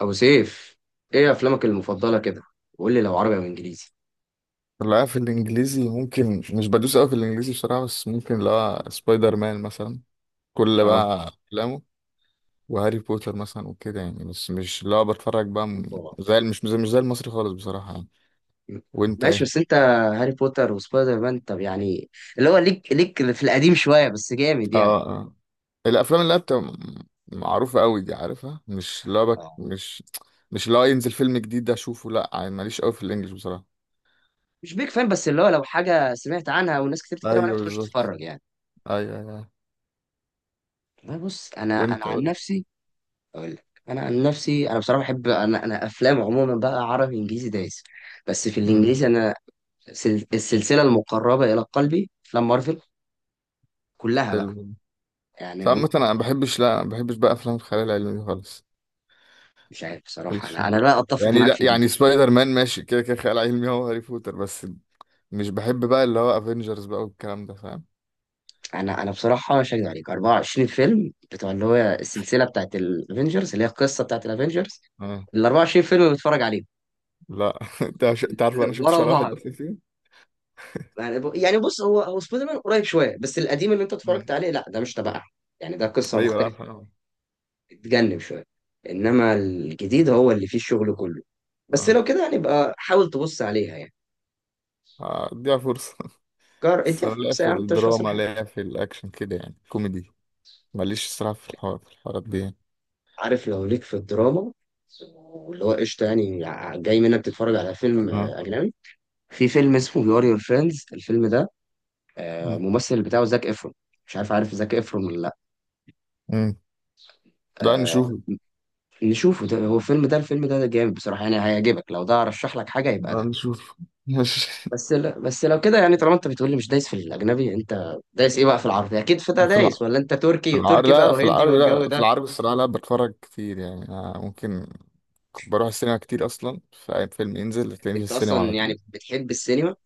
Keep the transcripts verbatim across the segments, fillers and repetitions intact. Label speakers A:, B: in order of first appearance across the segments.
A: ابو سيف، ايه افلامك المفضله كده؟ وقول لي لو عربي او انجليزي.
B: لا، في الانجليزي ممكن مش بدوس قوي في الانجليزي بصراحه، بس ممكن اللي هو سبايدر مان مثلا. كل
A: اه،
B: بقى افلامه وهاري بوتر مثلا وكده، يعني بس مش اللي هو بتفرج بقى م-
A: طبعاً.
B: زي مش مش زي مش زي المصري خالص بصراحه يعني. وانت
A: ماشي،
B: ايه؟
A: بس انت هاري بوتر وسبايدر مان؟ طب يعني اللي هو ليك ليك في القديم شويه بس جامد
B: اه
A: يعني.
B: اه آه. الافلام اللي هي بتبقى م- معروفه قوي دي عارفها، مش اللي هو بك،
A: اه،
B: مش مش اللي هو ينزل فيلم جديد ده اشوفه، لا يعني ماليش قوي في الانجليش بصراحه.
A: مش بيك فان، بس اللي هو لو حاجه سمعت عنها وناس كتير بتتكلم عنها
B: ايوه
A: بتخش
B: بالظبط.
A: تتفرج يعني.
B: ايوه ايوه.
A: والله بص، انا انا
B: وانت
A: عن
B: قلت؟
A: نفسي اقول لك، انا عن نفسي انا بصراحه بحب، انا انا افلام عموما بقى عربي انجليزي دايس. بس في
B: امم
A: الانجليزي انا سل... السلسله المقربه الى قلبي افلام مارفل كلها
B: حلو.
A: بقى،
B: بس
A: يعني هم.
B: عامة انا ما بحبش، لا ما بحبش بقى افلام الخيال العلمي دي خالص.
A: مش عارف بصراحة،
B: وش؟
A: أنا أنا لا أتفق
B: يعني
A: معاك
B: لا،
A: في دي.
B: يعني سبايدر مان ماشي كده كده خيال علمي، هو هاري بوتر بس. مش بحب بقى اللي هو افنجرز بقى والكلام ده، فاهم؟
A: أنا أنا بصراحة مش هكدب عليك، أربع وعشرين فيلم بتوع اللي هو السلسلة بتاعت الأفينجرز، اللي هي القصة بتاعت الأفينجرز،
B: اه.
A: ال أربعة وعشرين فيلم بتفرج عليهم
B: لا انت عش- انت عارف انا شفتش
A: ورا
B: ولا واحد
A: بعض.
B: اصلا فيه.
A: يعني ب- يعني بص هو هو سبايدر مان قريب شوية، بس القديم اللي أنت اتفرجت
B: مم.
A: عليه لا ده مش تبعها. يعني ده قصة
B: ايوه لا
A: مختلفة،
B: عارف اه.
A: بتجنب شوية. إنما الجديد هو اللي فيه الشغل كله، بس لو كده هنبقى حاول تبص عليها يعني.
B: اه اديها فرصه
A: جار
B: بس
A: اديها
B: انا لا
A: فرصة يا
B: في
A: عم، أنت مش خسران
B: الدراما
A: حاجة.
B: لا في الاكشن كده، يعني كوميدي ماليش الصراحه في الحوار، في الحوارات دي يعني.
A: عارف لو ليك في الدراما واللي هو قشطة، يعني ع- جاي منك تتفرج على فيلم، آه،
B: اه.
A: أجنبي. في فيلم اسمه يور يور فريندز، الفيلم ده آه،
B: مم.
A: الممثل بتاعه زاك إفرون. مش عارف، عارف زاك إفرون ولا لأ؟
B: مم. لا
A: آه،
B: نشوفه.
A: نشوفه، ده هو الفيلم ده، الفيلم ده ده جامد بصراحة يعني، هيعجبك. لو ده أرشح لك حاجة يبقى
B: لا
A: ده.
B: نشوفه ماشي.
A: بس لا، بس لو كده يعني، طالما أنت بتقولي مش دايس في الأجنبي، أنت دايس إيه بقى؟ في العربي أكيد في ده
B: في الع...
A: دايس، ولا أنت
B: في
A: تركي
B: العربي
A: تركي
B: لا،
A: بقى
B: لا في
A: وهندي
B: العربي،
A: والجو
B: لا في
A: ده؟
B: العربي الصراحه لا بتفرج كتير يعني، آه، ممكن. بروح السينما كتير اصلا، فاي فيلم ينزل هتلاقيني في
A: أنت
B: السينما على
A: أصلا
B: طول.
A: يعني بتحب السينما؟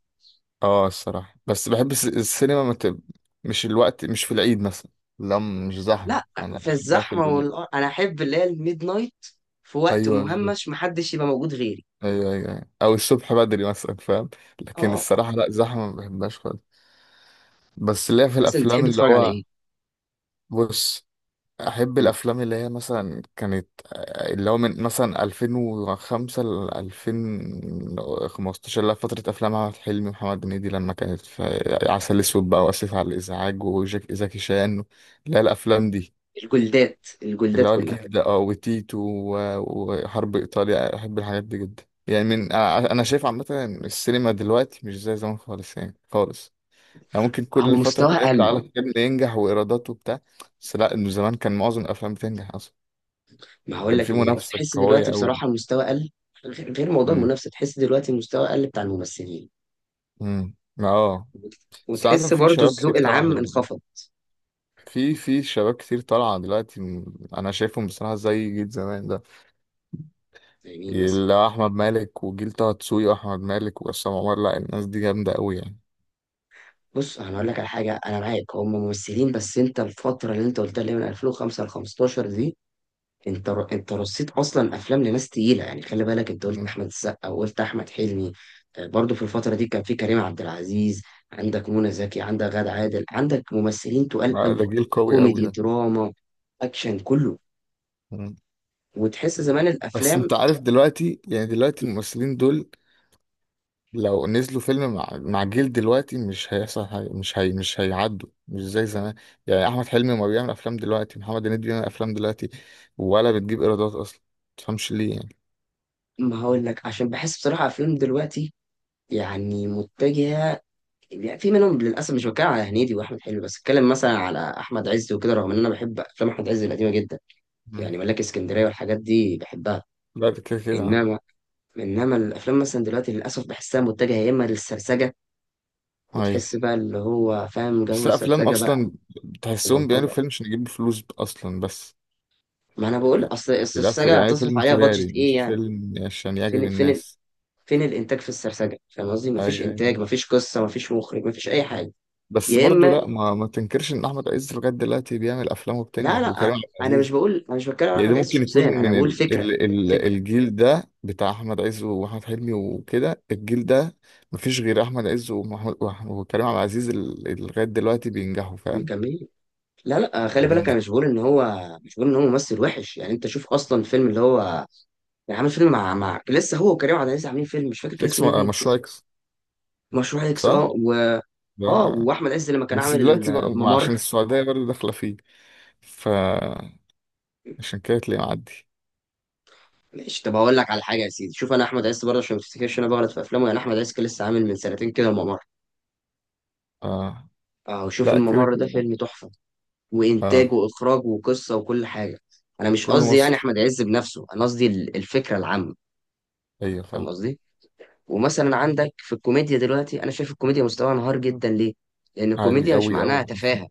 B: اه الصراحه، بس بحب الس- السينما مت... مش الوقت، مش في العيد مثلا. لا مش زحمه،
A: لا،
B: انا
A: في
B: بحبها في
A: الزحمه
B: الهدوء.
A: والقر... انا احب اللي هي الميد نايت، في وقت
B: ايوه بالظبط.
A: مهمش محدش يبقى موجود غيري.
B: ايوه ايوه أيوة. او الصبح بدري مثلا، فاهم؟ لكن
A: اه،
B: الصراحه لا زحمه ما بحبهاش خالص. بس ليا
A: يعني
B: في
A: مثلا تحب
B: الافلام اللي
A: تتفرج على
B: هو،
A: ايه؟
B: بص، احب
A: مم.
B: الافلام اللي هي مثلا كانت آه، اللي هو من مثلا ألفين وخمسة ل ألفين وخمستاشر، اللي هي فتره افلام احمد حلمي ومحمد هنيدي، لما كانت في عسل اسود بقى واسف على الازعاج وجاك زكي شان، اللي هي الافلام دي.
A: الجلدات
B: اللي
A: الجلدات
B: هو
A: كلها.
B: الجيل ده اه، وتيتو و- وحرب ايطاليا، احب الحاجات دي جدا يعني. من انا أنا شايف عامه إن السينما دلوقتي مش زي زمان خالص يعني خالص. يعني ممكن
A: هو
B: كل فتره
A: مستوى
B: كده يطلع
A: قل.
B: على فيلم ينجح وايرادات وبتاع، بس لا، انه زمان كان معظم الافلام بتنجح اصلا.
A: ما هقول
B: كان في
A: لك ليه،
B: منافسة
A: تحس دلوقتي
B: قوية أوي.
A: بصراحه المستوى قل. غ- غير موضوع
B: امم.
A: المنافسه، تحس دلوقتي المستوى قل بتاع الممثلين،
B: امم اه. بس عادة
A: وتحس
B: في
A: برضو
B: شباب
A: الذوق
B: كتير طالعة
A: العام
B: حلوة.
A: انخفض.
B: في في شباب كتير طالعة دلوقتي م- أنا شايفهم بصراحة زي جيل زمان ده.
A: زي مين مثلا؟
B: اللي هو أحمد مالك وجيل طه دسوقي وأحمد مالك وعصام عمر، لا الناس دي جامدة أوي يعني.
A: بص انا اقول لك على حاجه، انا معاك هم ممثلين، بس انت الفتره اللي انت قلتها اللي هي من ألفين وخمسة ل خمسة عشر دي، انت انت رصيت اصلا افلام لناس تقيله يعني. خلي بالك انت قلت
B: امم.
A: احمد السقا وقلت احمد حلمي. آه، برضو في الفتره دي كان في كريم عبد العزيز، عندك منى زكي، عندك غادة عادل، عندك ممثلين تقال
B: لا، ده
A: قوي.
B: جيل قوي أوي
A: كوميدي،
B: ده.
A: دراما، اكشن، كله.
B: امم.
A: وتحس زمان
B: بس
A: الافلام.
B: أنت عارف دلوقتي، يعني دلوقتي الممثلين دول لو نزلوا فيلم مع مع جيل دلوقتي مش هيحصل حاجة، مش هي، مش هيعدوا مش زي زمان. يعني احمد حلمي ما بيعمل افلام دلوقتي، محمد هنيدي بيعمل افلام دلوقتي ولا بتجيب ايرادات اصلا، متفهمش ليه يعني.
A: ما هقول لك، عشان بحس بصراحه افلام دلوقتي يعني متجهه. يعني في منهم للاسف، مش بتكلم على هنيدي واحمد حلمي بس، اتكلم مثلا على احمد عز وكده، رغم ان انا بحب افلام احمد عز القديمه جدا.
B: مم.
A: يعني ملاك اسكندريه والحاجات دي بحبها.
B: لا ده كده كده.
A: انما، انما الافلام مثلا دلوقتي للاسف بحسها متجهه يا اما للسرسجه،
B: ايوه
A: وتحس بقى اللي هو فاهم
B: بس
A: جو
B: افلام
A: السرسجه بقى،
B: اصلا تحسهم بيعملوا
A: وبلطجه.
B: فيلم عشان يجيبوا فلوس اصلا بس.
A: ما انا بقول، اصل
B: لا
A: السرسجه
B: يعني
A: هتصرف
B: فيلم
A: عليها
B: تجاري،
A: بادجت ايه
B: مش
A: يعني؟
B: فيلم عشان يعجب
A: فين فين ال-
B: الناس.
A: فين الانتاج في السرسجه؟ فاهم قصدي؟ مفيش
B: ايوه أيوة.
A: انتاج، مفيش قصه، مفيش مخرج، مفيش اي حاجه.
B: بس
A: يا
B: برضو
A: اما
B: لا، ما, ما تنكرش ان احمد عز لغايه دلوقتي بيعمل افلام
A: لا
B: وبتنجح،
A: لا،
B: وكريم عبد
A: انا مش
B: العزيز.
A: بقول، انا مش بتكلم على
B: يعني ده
A: احمد عز
B: ممكن يكون
A: شخصيا، انا
B: من
A: بقول
B: ال...
A: فكره،
B: ال... ال...
A: فكره.
B: الجيل ده بتاع احمد عز واحمد حلمي وكده، الجيل ده مفيش غير احمد عز ومحمود وأح- وكريم عبد العزيز، ال- اللي لغايه دلوقتي بينجحوا، فاهم؟
A: مكمل. لا لا، خلي بالك،
B: مم.
A: انا مش بقول ان هو، مش بقول ان هو ممثل وحش يعني. انت شوف اصلا الفيلم اللي هو، يعني عامل فيلم مع مع لسه هو وكريم عبد العزيز عاملين فيلم، مش فاكر كان
B: اكس
A: اسمه
B: م-
A: ايه.
B: آه،
A: باين كان
B: مشروع
A: اسمه
B: اكس.
A: مشروع اكس.
B: صح،
A: اه و...
B: ده.
A: اه، واحمد عز لما كان
B: بس
A: عامل
B: دلوقتي بقى ما
A: الممر.
B: عشان السعوديه برضه داخله فيه، فعشان كده تلاقيه معدي.
A: ماشي، طب هقول لك على حاجه يا سيدي، شوف انا احمد عز برضه عشان ما تفتكرش انا بغلط في افلامه يعني، احمد عز كان لسه عامل من سنتين كده الممر.
B: آه.
A: اه، وشوف
B: لا كده
A: الممر ده
B: كده.
A: فيلم تحفه، وانتاج
B: اه
A: واخراج وقصه وكل حاجه. انا مش
B: كله
A: قصدي يعني
B: مصري.
A: احمد عز بنفسه، انا قصدي ال- الفكره العامه.
B: ايوه
A: فاهم
B: فاهم.
A: قصدي؟ ومثلا عندك في الكوميديا دلوقتي، انا شايف الكوميديا مستواها انهار جدا. ليه؟ لان
B: اوي
A: الكوميديا مش
B: اوي اوي.
A: معناها تفاهه،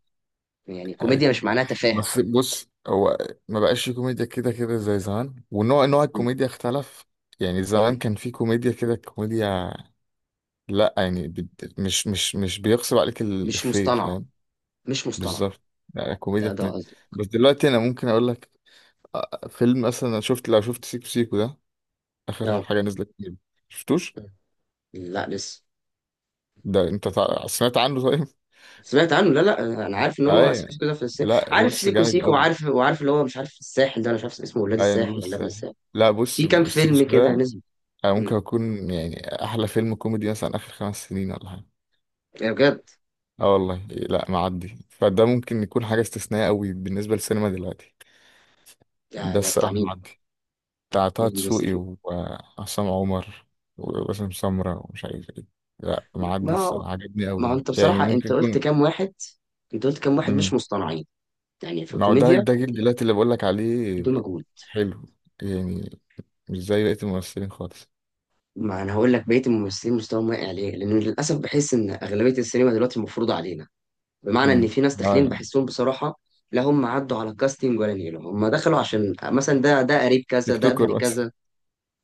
A: يعني الكوميديا مش معناها تفاهه.
B: بس بص هو ما بقاش في كوميديا كده كده زي زمان، ونوع نوع الكوميديا اختلف. يعني
A: م.
B: زمان كان في كوميديا كده كوميديا. لا يعني بت- مش مش مش بيغصب عليك
A: مش
B: الإفيه،
A: مصطنعة،
B: فاهم؟
A: مش مصطنعة.
B: بالظبط. يعني كوميديا
A: ده ده
B: كوميديا.
A: قصدي.
B: بس دلوقتي انا ممكن اقول لك آه، فيلم مثلا، انا شفت لو شفت سيكو سيكو ده، اخر
A: اه.
B: حاجة نزلت فيه. شفتوش؟
A: لا لسه.
B: ده انت تع- سمعت عنه؟ طيب.
A: سمعت عنه، لا لا، انا عارف ان هو
B: ايوه
A: سيكو سيكو ده في الساحل،
B: لا
A: عارف
B: بص
A: سيكو
B: جامد
A: سيكو،
B: قوي.
A: وعارف وعارف اللي هو مش عارف الساحل ده، انا مش عارف اسمه ولاد
B: ايوه نجوم
A: الساحل ولا ابن
B: الساحل.
A: الساحل.
B: لا بص
A: في كام
B: سيكو سيكو
A: فيلم كده
B: ده
A: نزل؟
B: أنا ممكن
A: مم.
B: أكون، يعني، أحلى فيلم كوميدي مثلا آخر خمس سنين ولا حاجة.
A: يا بجد؟
B: آه والله لا معدي، فده ممكن يكون حاجة استثنائية أوي بالنسبة للسينما دلوقتي.
A: ده
B: ده
A: ده بتاع
B: الصراحة
A: مين؟
B: معدي. بتاع طه
A: مين اللي بيمثل
B: دسوقي
A: فيه؟
B: وعصام عمر وباسم سمرة ومش عارف إيه. لا معدي
A: ما
B: الصراحة عجبني
A: ما هو
B: أوي،
A: انت
B: يعني
A: بصراحة
B: ممكن
A: انت قلت
B: يكون.
A: كام واحد، انت قلت كام واحد مش
B: مم.
A: مصطنعين يعني في
B: ما هو ده
A: الكوميديا.
B: ده جيل دلوقتي اللي بقولك عليه.
A: دول مجهول.
B: حلو. يعني مش زي بقية الممثلين خالص.
A: ما انا هقول لك، بقية الممثلين مستواهم واقع ليه؟ لان للاسف بحس ان اغلبية السينما دلوقتي مفروضة علينا، بمعنى ان
B: مم.
A: في ناس
B: اه
A: داخلين
B: يعني
A: بحسهم بصراحه، لا هم عدوا على كاستنج ولا نيله، هم دخلوا عشان مثلا ده، ده قريب كذا،
B: تيك
A: ده ابن
B: توكر بس،
A: كذا.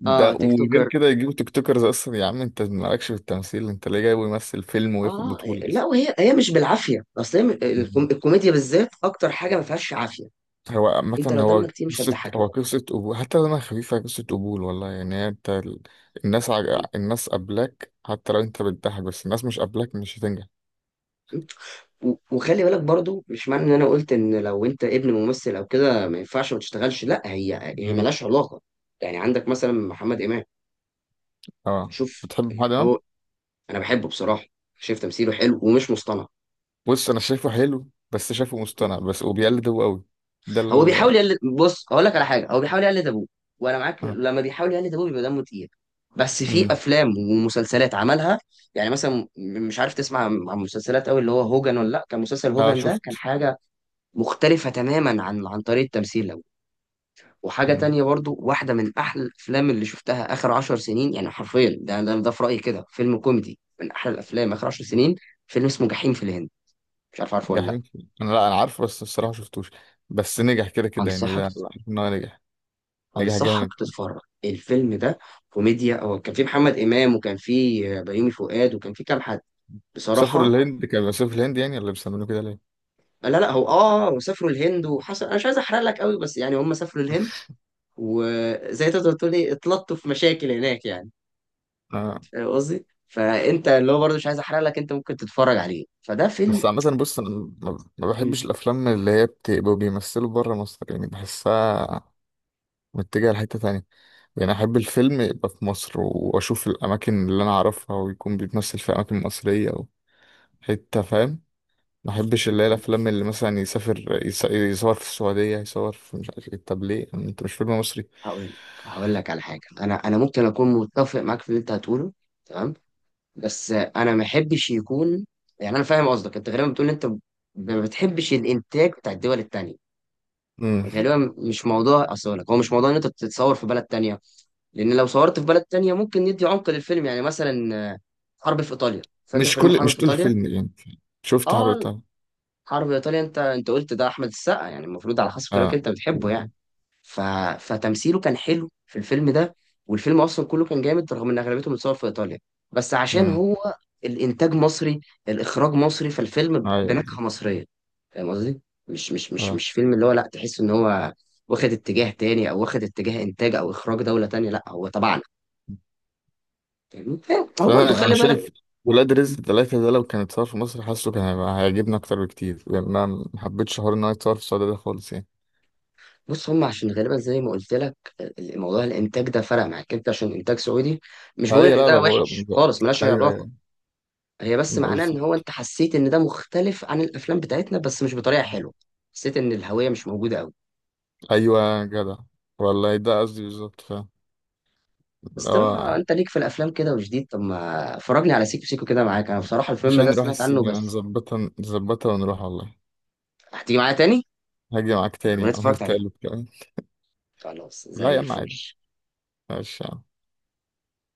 B: ده
A: اه، تيك
B: وغير
A: توكر.
B: كده يجيبوا تيك توكرز اصلا. يا عم انت مالكش في التمثيل، انت ليه جايبه يمثل فيلم وياخد
A: اه
B: بطولة
A: لا،
B: اصلا؟
A: وهي هي مش بالعافيه، اصل هي م- الكوم-
B: مم.
A: الكوميديا بالذات اكتر حاجه ما فيهاش عافيه.
B: هو عامة
A: انت لو
B: هو
A: دمك كتير مش
B: قصة،
A: هتضحكني.
B: هو قصة قبول حتى لما خفيفة، قصة قبول والله يعني. هي انت ال- الناس عج... الناس قبلك حتى لو انت بتضحك، بس الناس مش قبلك مش هتنجح.
A: و- وخلي بالك برضو، مش معنى ان انا قلت ان لو انت ابن ممثل او كده ما ينفعش ما تشتغلش، لا، هي هي
B: مم.
A: ملهاش علاقه. يعني عندك مثلا محمد امام،
B: اه.
A: شوف
B: بتحب محمد
A: يعني
B: امام؟
A: هو. انا بحبه بصراحه، شايف تمثيله حلو ومش مصطنع.
B: بص انا شايفه حلو، بس شايفه مصطنع بس، وبيقلد هو قوي. ده
A: هو
B: ال،
A: بيحاول يقلد، بص هقول لك على حاجه، هو بيحاول يقلد ابوه، وانا معاك،
B: اه,
A: لما بيحاول يقلد ابوه بيبقى دمه تقيل. بس في
B: مم.
A: افلام ومسلسلات عملها، يعني مثلا م- مش عارف تسمع عن عن مسلسلات قوي اللي هو هوجن ولا لا. كان مسلسل
B: آه
A: هوجن ده كان
B: شفت.
A: حاجه مختلفه تماما عن عن طريقه تمثيل ابوه. وحاجه تانية برضو، واحده من احلى الافلام اللي شفتها اخر عشر سنين يعني، حرفيا، ده ده, ده في رايي كده فيلم كوميدي من احلى الافلام اخر عشر سنين. فيلم اسمه جحيم في الهند، مش عارف عارفه ولا لا.
B: جحيم، انا لا انا عارفه بس الصراحه شفتوش. بس نجح كده كده يعني، ده
A: انصحك،
B: لا، عارف ان هو نجح. نجح
A: انصحك
B: جامد.
A: تتفرج الفيلم ده. كوميديا، هو كان فيه محمد امام، وكان فيه بيومي فؤاد، وكان فيه كام حد
B: سافروا
A: بصراحه.
B: الهند؟ كانوا بيسافروا في الهند يعني ولا بيسمينه كده ليه؟
A: لا لا، هو اه هو سافروا الهند وحصل، انا مش عايز احرق لك قوي، بس يعني هم سافروا الهند، وزي تقدر تقول ايه، اتلطوا في مشاكل هناك يعني.
B: آه.
A: فاهم قصدي؟ فانت اللي هو برضه، مش عايز احرق لك، انت ممكن تتفرج عليه، فده فيلم.
B: بس عامة بص أنا ما ما
A: مم.
B: بحبش الأفلام اللي هي بتبقوا بيمثلوا بره مصر، يعني بحسها متجهة لحتة تانية. يعني أحب الفيلم يبقى في مصر وأشوف الأماكن اللي أنا أعرفها، ويكون بيتمثل في أماكن مصرية أو حتة، فاهم؟ ما أحبش اللي هي الأفلام اللي مثلا يسافر يص- يصور في السعودية، يصور في مش عارف إيه، طب ليه أنت مش فيلم مصري؟
A: هقول لك، هقول لك على حاجه، انا انا ممكن اكون متفق معاك في اللي انت هتقوله، تمام؟ بس انا ما احبش يكون، يعني انا فاهم قصدك، انت غالبا بتقول إن انت ما بتحبش الانتاج بتاع الدول التانية.
B: مم.
A: غالبا مش موضوع، اصل أقول لك، هو مش موضوع ان انت بتتصور في بلد تانية، لان لو صورت في بلد تانية ممكن ندي عمق للفيلم. يعني مثلا آه، حرب في ايطاليا، فاكر
B: مش
A: فيلم
B: كل،
A: حرب في
B: مش طول
A: ايطاليا؟
B: الفيلم يعني. شفت
A: اه،
B: حرقتها.
A: حرب ايطاليا، انت انت قلت ده احمد السقا يعني، المفروض على حسب كلامك
B: اه.
A: انت بتحبه يعني. ف... فتمثيله كان حلو في الفيلم ده، والفيلم اصلا كله كان جامد، رغم ان اغلبيته متصور في ايطاليا، بس عشان
B: امم.
A: هو الانتاج مصري، الاخراج مصري، فالفيلم بنكهه
B: ايوه.
A: مصريه. فاهم قصدي؟ مش مش مش
B: اه.
A: مش فيلم اللي هو، لا، تحس ان هو واخد اتجاه تاني، او واخد اتجاه انتاج او اخراج دوله تانيه، لا هو تبعنا. فاهمني؟ فاهم؟ هو برضو
B: فانا انا
A: خلي بالك.
B: شايف ولاد رزق ثلاثة ده لو كان اتصور في مصر حاسه كان هيبقى هيعجبني اكتر بكتير، لان انا ما حبيتش حوار ان هو يتصور في السعودية ده خالص يعني.
A: بص هم عشان غالبا زي ما قلت لك، الموضوع الانتاج ده فرق معاك انت عشان انتاج سعودي. مش بقول
B: ايوه
A: ان
B: لا ما
A: ده
B: بقول
A: وحش
B: بقول-
A: خالص، ملهاش اي
B: ايوه
A: علاقه،
B: ايوه.
A: هي بس
B: بقول-
A: معناه ان هو انت حسيت ان ده مختلف عن الافلام بتاعتنا، بس مش بطريقه حلوه، حسيت ان الهويه مش موجوده قوي.
B: ايوه يا جدع، والله ده قصدي بالظبط، فاهم؟
A: بس
B: اللي هو
A: طالما انت ليك في الافلام كده وجديد، طب ما فرجني على سيكو سيكو كده معاك، انا بصراحه
B: مش،
A: الفيلم ده
B: هنروح
A: سمعت عنه
B: السينما
A: بس.
B: نظبطها، نظبطها ونروح والله.
A: هتيجي معايا تاني؟
B: هاجي معاك تاني
A: انا
B: يا عم
A: اتفرجت عليه،
B: وتالت كمان.
A: خلاص
B: لا يا
A: زي
B: عم عادي.
A: الفل.
B: ماشي.